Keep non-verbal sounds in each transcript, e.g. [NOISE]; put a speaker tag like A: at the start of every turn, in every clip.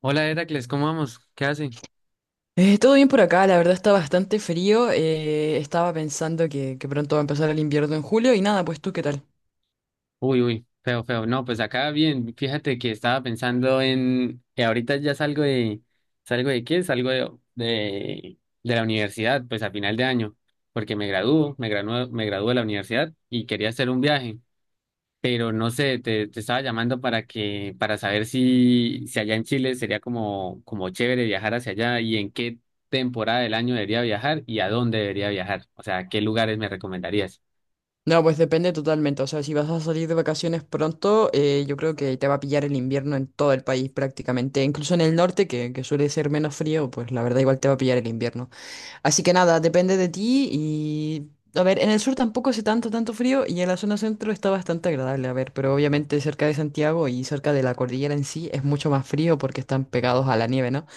A: Hola Heracles, ¿cómo vamos? ¿Qué hace?
B: Todo bien por acá, la verdad está bastante frío. Estaba pensando que pronto va a empezar el invierno en julio y nada, pues tú, ¿qué tal?
A: Uy, uy, feo, feo. No, pues acá bien. Fíjate que estaba pensando en que ahorita ya ¿salgo de qué? Salgo de la universidad, pues a final de año, porque me gradúo de la universidad y quería hacer un viaje, pero no sé, te estaba llamando para que, para saber si allá en Chile sería como chévere viajar hacia allá y en qué temporada del año debería viajar y a dónde debería viajar. O sea, ¿qué lugares me recomendarías?
B: No, pues depende totalmente. O sea, si vas a salir de vacaciones pronto, yo creo que te va a pillar el invierno en todo el país prácticamente. Incluso en el norte, que suele ser menos frío, pues la verdad igual te va a pillar el invierno. Así que nada, depende de ti y... A ver, en el sur tampoco hace tanto frío y en la zona centro está bastante agradable, a ver, pero obviamente cerca de Santiago y cerca de la cordillera en sí es mucho más frío porque están pegados a la nieve, ¿no?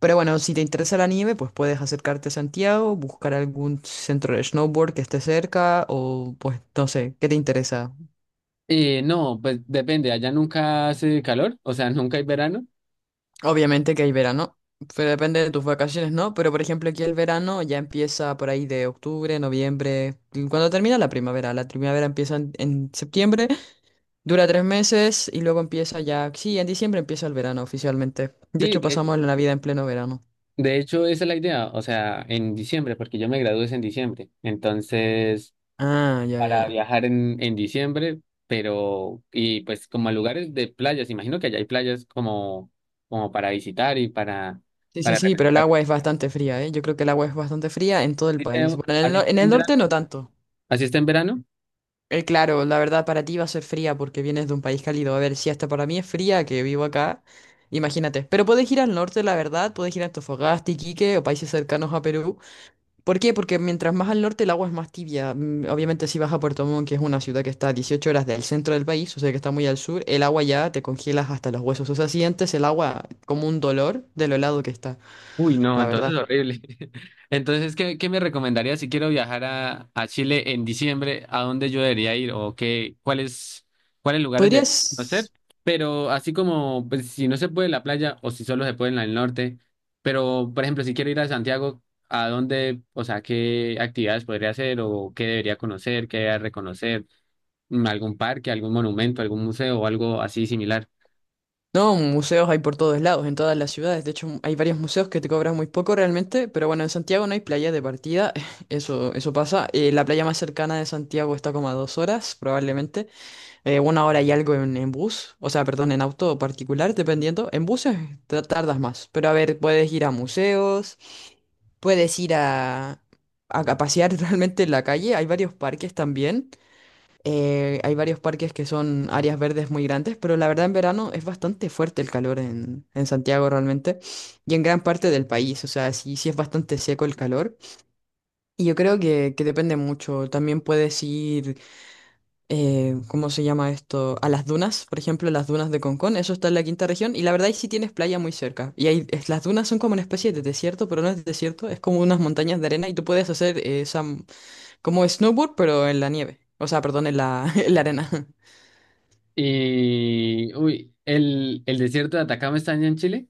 B: Pero bueno, si te interesa el anime, pues puedes acercarte a Santiago, buscar algún centro de snowboard que esté cerca o pues no sé, ¿qué te interesa?
A: No, pues depende, allá nunca hace calor, o sea, [LAUGHS] nunca hay verano.
B: Obviamente que hay verano, pero depende de tus vacaciones, ¿no? Pero por ejemplo aquí el verano ya empieza por ahí de octubre, noviembre, y cuando termina la primavera. La primavera empieza en septiembre, dura tres meses y luego empieza ya, sí, en diciembre empieza el verano oficialmente. De
A: Sí,
B: hecho
A: de,
B: pasamos la Navidad en pleno verano.
A: de hecho esa es la idea, o sea, en diciembre, porque yo me gradué es en diciembre, entonces
B: Ah, ya, ya,
A: para
B: ya.
A: viajar en diciembre, pero, y pues como a lugares de playas, imagino que allá hay playas como para visitar y para,
B: Sí, sí,
A: para
B: sí, pero el
A: refrescar.
B: agua es bastante fría, ¿eh? Yo creo que el agua es bastante fría en todo el
A: Así
B: país.
A: está
B: Bueno, en el,
A: así
B: en
A: está
B: el
A: en verano.
B: norte no tanto.
A: ¿Así está en verano?
B: Claro, la verdad para ti va a ser fría porque vienes de un país cálido. A ver, si hasta para mí es fría que vivo acá, imagínate. Pero puedes ir al norte, la verdad, puedes ir a Antofagasta, Iquique o países cercanos a Perú. ¿Por qué? Porque mientras más al norte el agua es más tibia. Mm, obviamente si vas a Puerto Montt, que es una ciudad que está a 18 horas del centro del país, o sea que está muy al sur, el agua ya te congelas hasta los huesos. O sea, sientes el agua como un dolor de lo helado que está,
A: Uy, no,
B: la
A: entonces
B: verdad.
A: horrible. [LAUGHS] Entonces, ¿qué me recomendaría si quiero viajar a Chile en diciembre? ¿A dónde yo debería ir? ¿O cuáles lugares debería conocer?
B: Podrías...
A: Pero así como, pues, si no se puede en la playa o si solo se puede en el norte, pero, por ejemplo, si quiero ir a Santiago, ¿a dónde, o sea, qué actividades podría hacer o qué debería conocer, qué debería reconocer? ¿Algún parque, algún monumento, algún museo o algo así similar?
B: No, museos hay por todos lados, en todas las ciudades. De hecho, hay varios museos que te cobran muy poco realmente, pero bueno, en Santiago no hay playa de partida, [LAUGHS] eso pasa. La playa más cercana de Santiago está como a dos horas, probablemente. Una hora y algo en bus, o sea, perdón, en auto particular, dependiendo. En buses tardas más, pero a ver, puedes ir a museos, puedes ir a pasear [LAUGHS] realmente en la calle. Hay varios parques también. Hay varios parques que son áreas verdes muy grandes, pero la verdad en verano es bastante fuerte el calor en Santiago realmente y en gran parte del país, o sea, sí, sí es bastante seco el calor y yo creo que depende mucho. También puedes ir, ¿cómo se llama esto? A las dunas, por ejemplo, las dunas de Concón, eso está en la quinta región y la verdad ahí sí tienes playa muy cerca y ahí las dunas son como una especie de desierto, pero no es desierto, es como unas montañas de arena y tú puedes hacer como snowboard, pero en la nieve, o sea, perdón, en la, [LAUGHS] en la arena.
A: Y, uy, ¿el desierto de Atacama está allá en Chile?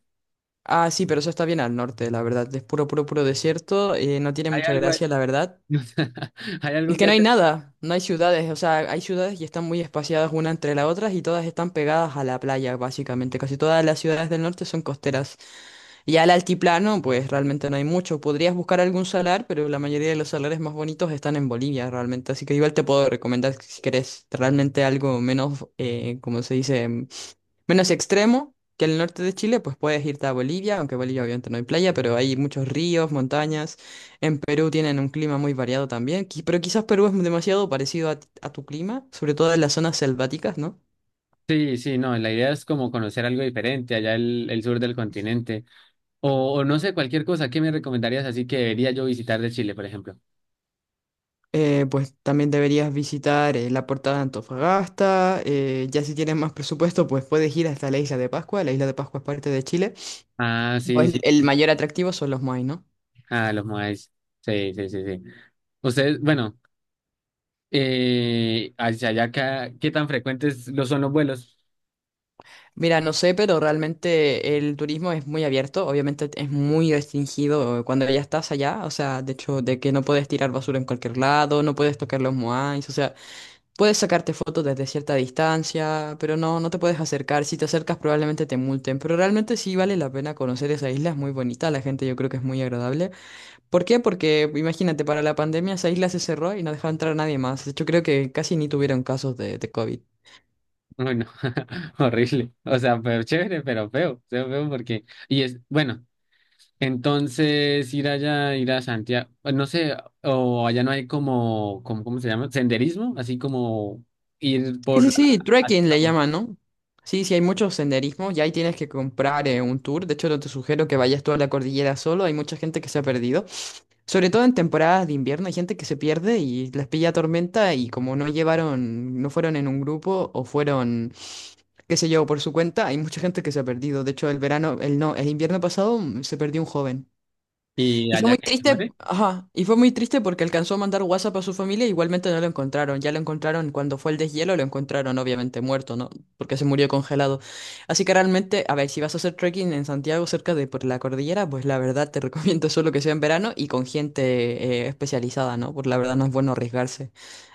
B: Ah, sí, pero eso está bien al norte, la verdad. Es puro, puro, puro desierto. No tiene
A: Hay
B: mucha
A: algo, ahí-
B: gracia, la verdad.
A: [LAUGHS] Hay
B: Es
A: algo
B: que
A: que
B: no hay
A: hacer.
B: nada, no hay ciudades. O sea, hay ciudades y están muy espaciadas una entre las otras y todas están pegadas a la playa, básicamente. Casi todas las ciudades del norte son costeras. Y al altiplano, pues realmente no hay mucho. Podrías buscar algún salar, pero la mayoría de los salares más bonitos están en Bolivia, realmente. Así que igual te puedo recomendar, si querés, realmente algo menos, como se dice? Menos extremo que el norte de Chile, pues puedes irte a Bolivia, aunque Bolivia obviamente no hay playa, pero hay muchos ríos, montañas. En Perú tienen un clima muy variado también, pero quizás Perú es demasiado parecido a tu clima, sobre todo en las zonas selváticas, ¿no?
A: Sí, sí, no, la idea es como conocer algo diferente allá el sur del continente. O no sé, cualquier cosa que me recomendarías así que debería yo visitar de Chile, por ejemplo.
B: Pues también deberías visitar la Portada de Antofagasta, ya si tienes más presupuesto, pues puedes ir hasta la Isla de Pascua, la Isla de Pascua es parte de Chile.
A: Ah, sí,
B: Pues
A: sí.
B: el mayor atractivo son los moai, ¿no?
A: Ah, los Moais. Sí, sí, sí, sí. Ustedes, bueno, hacia allá, ¿acá qué tan frecuentes lo son los vuelos?
B: Mira, no sé, pero realmente el turismo es muy abierto, obviamente es muy restringido cuando ya estás allá, o sea, de hecho, de que no puedes tirar basura en cualquier lado, no puedes tocar los moais, o sea, puedes sacarte fotos desde cierta distancia, pero no, no te puedes acercar, si te acercas probablemente te multen, pero realmente sí vale la pena conocer esa isla, es muy bonita, la gente yo creo que es muy agradable. ¿Por qué? Porque imagínate, para la pandemia esa isla se cerró y no dejaba entrar a nadie más, de hecho creo que casi ni tuvieron casos de COVID.
A: Bueno, [LAUGHS] horrible. O sea, pero chévere, pero feo, feo, feo porque… Y es, bueno. Entonces, ir allá, ir a Santiago, pues, no sé, o allá no hay ¿cómo se llama? Senderismo, así como ir
B: Sí, sí,
A: por,
B: sí,
A: así
B: trekking le
A: como,
B: llaman, ¿no? Sí, sí, hay muchos senderismos y ahí tienes que comprar un tour. De hecho, no te sugiero que vayas toda la cordillera solo. Hay mucha gente que se ha perdido. Sobre todo en temporadas de invierno hay gente que se pierde y les pilla tormenta y como no llevaron, no fueron en un grupo o fueron, qué sé yo, por su cuenta, hay mucha gente que se ha perdido. De hecho, el verano, el no, el invierno pasado se perdió un joven.
A: y
B: Y fue
A: allá
B: muy
A: que te
B: triste,
A: muere.
B: ajá, y fue muy triste porque alcanzó a mandar WhatsApp a su familia, igualmente no lo encontraron. Ya lo encontraron cuando fue el deshielo, lo encontraron obviamente muerto, ¿no? Porque se murió congelado. Así que realmente, a ver, si vas a hacer trekking en Santiago cerca de por la cordillera, pues la verdad te [LAUGHS] recomiendo solo que sea en verano y con gente especializada, ¿no? Porque la verdad no es bueno arriesgarse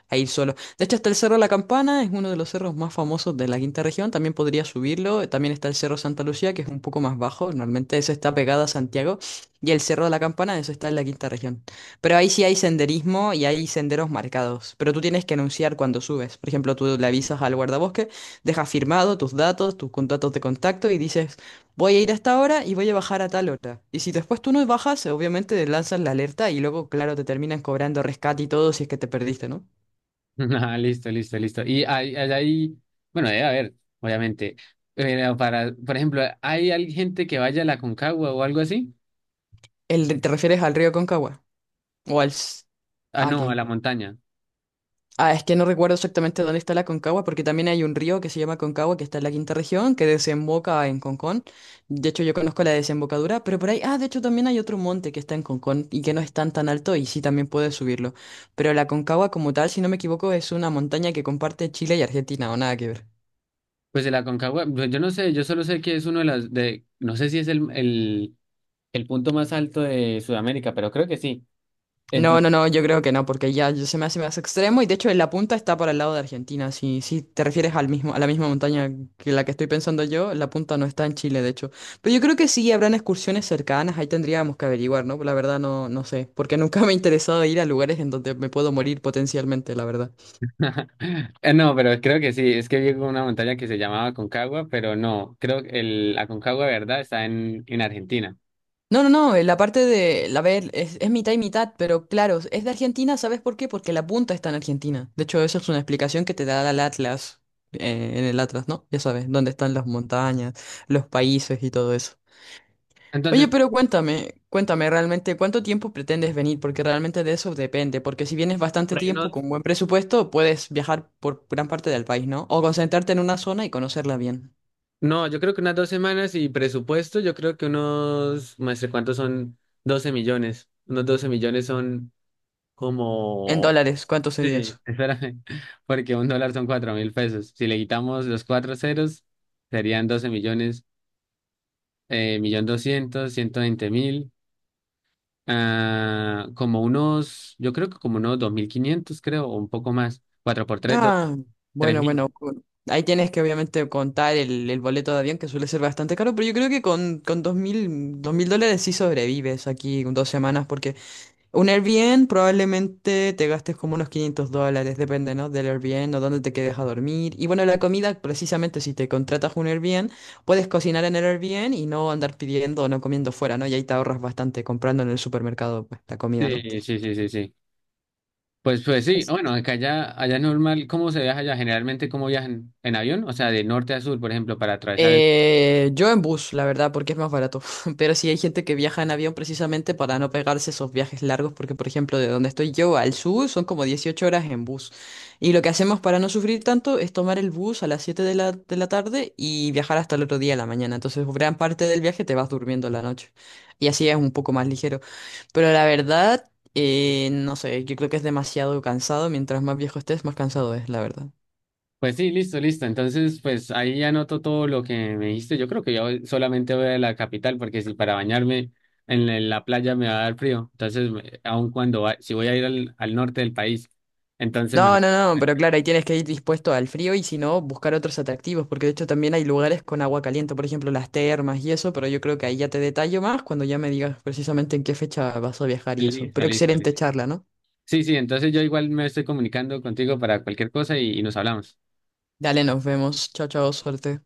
B: a ir solo. De hecho, está el Cerro La Campana, es uno de los cerros más famosos de la quinta región, también podría subirlo. También está el Cerro Santa Lucía, que es un poco más bajo, normalmente ese está pegado a Santiago. Y el Cerro de la Campana, eso está en la quinta región. Pero ahí sí hay senderismo y hay senderos marcados. Pero tú tienes que anunciar cuando subes. Por ejemplo, tú le avisas al guardabosque, dejas firmado tus datos, tus contactos de contacto y dices, voy a ir a esta hora y voy a bajar a tal hora. Y si después tú no bajas, obviamente te lanzas la alerta y luego, claro, te terminan cobrando rescate y todo si es que te perdiste, ¿no?
A: [LAUGHS] Ah, listo, listo, listo. Allá hay, bueno, debe haber, obviamente, pero para, por ejemplo, ¿hay gente que vaya a la Concagua o algo así?
B: El, ¿te refieres al río Concagua? ¿O al... s-
A: Ah,
B: Ah,
A: no, a
B: ok.
A: la montaña.
B: Ah, es que no recuerdo exactamente dónde está la Concagua, porque también hay un río que se llama Concagua, que está en la quinta región, que desemboca en Concón. De hecho, yo conozco la desembocadura, pero por ahí, ah, de hecho también hay otro monte que está en Concón y que no es tan tan alto y sí también puedes subirlo. Pero la Concagua como tal, si no me equivoco, es una montaña que comparte Chile y Argentina, o nada que ver.
A: Pues de la Concagua, yo no sé, yo solo sé que es uno de las, de, no sé si es el punto más alto de Sudamérica, pero creo que sí.
B: No, no, no, yo creo que no, porque ya se me hace más extremo y de hecho en la punta está para el lado de Argentina. Si, si te refieres al mismo, a la misma montaña que la que estoy pensando yo, la punta no está en Chile, de hecho. Pero yo creo que sí habrán excursiones cercanas, ahí tendríamos que averiguar, ¿no? La verdad no, no sé, porque nunca me ha interesado ir a lugares en donde me puedo morir potencialmente, la verdad.
A: No, pero creo que sí, es que vi una montaña que se llamaba Aconcagua, pero no, creo que el Aconcagua de verdad está en Argentina.
B: No, no, no, la parte de, la ver, es mitad y mitad, pero claro, es de Argentina, ¿sabes por qué? Porque la punta está en Argentina. De hecho, esa es una explicación que te da el Atlas, en el Atlas, ¿no? Ya sabes, dónde están las montañas, los países y todo eso. Oye,
A: Entonces,
B: pero cuéntame, cuéntame realmente, ¿cuánto tiempo pretendes venir? Porque realmente de eso depende, porque si vienes bastante
A: por ahí
B: tiempo
A: unos,
B: con buen presupuesto, puedes viajar por gran parte del país, ¿no? O concentrarte en una zona y conocerla bien.
A: no, yo creo que unas dos semanas y presupuesto, yo creo que unos, maestre, ¿cuántos son? 12 millones. Unos 12 millones son
B: En
A: como…
B: dólares, ¿cuánto sería eso?
A: Sí, espérame, [LAUGHS] porque un dólar son 4.000 pesos. Si le quitamos los cuatro ceros, serían 12 millones, millón doscientos, 120.000. Ah, como unos, yo creo que como unos 2.500 creo, o un poco más. Cuatro por 3,
B: Ah, bueno,
A: 3.000.
B: bueno. cu- Ahí tienes que obviamente contar el boleto de avión que suele ser bastante caro, pero yo creo que con dos mil dólares sí sobrevives aquí con dos semanas, porque un Airbnb probablemente te gastes como unos $500, depende, ¿no? Del Airbnb o dónde te quedes a dormir. Y bueno, la comida, precisamente si te contratas un Airbnb, puedes cocinar en el Airbnb y no andar pidiendo o no comiendo fuera, ¿no? Y ahí te ahorras bastante comprando en el supermercado, pues, la comida, ¿no?
A: Sí, sí, sí, sí, sí. Pues sí, bueno, acá allá, allá es normal, ¿cómo se viaja allá? Generalmente, ¿cómo viajan? ¿En avión? O sea, de norte a sur, por ejemplo, para atravesar el…
B: Yo en bus, la verdad, porque es más barato. [LAUGHS] Pero sí hay gente que viaja en avión precisamente para no pegarse esos viajes largos, porque por ejemplo, de donde estoy yo al sur son como 18 horas en bus. Y lo que hacemos para no sufrir tanto es tomar el bus a las 7 de la tarde y viajar hasta el otro día de la mañana. Entonces, gran parte del viaje te vas durmiendo la noche. Y así es un poco más ligero. Pero la verdad, no sé, yo creo que es demasiado cansado. Mientras más viejo estés, más cansado es, la verdad.
A: Pues sí, listo, listo. Entonces, pues ahí ya anoto todo lo que me dijiste. Yo creo que yo solamente voy a la capital, porque si para bañarme en la playa me va a dar frío. Entonces, aun cuando, si voy a ir al norte del país, entonces
B: No,
A: mejor.
B: no, no, pero claro, ahí tienes que ir dispuesto al frío y si no, buscar otros atractivos, porque de hecho también hay lugares con agua caliente, por ejemplo, las termas y eso, pero yo creo que ahí ya te detallo más cuando ya me digas precisamente en qué fecha vas a viajar y eso.
A: Listo,
B: Pero
A: listo,
B: excelente
A: listo.
B: charla, ¿no?
A: Sí, sí, entonces yo igual me estoy comunicando contigo para cualquier cosa y nos hablamos.
B: Dale, nos vemos. Chao, chao, suerte.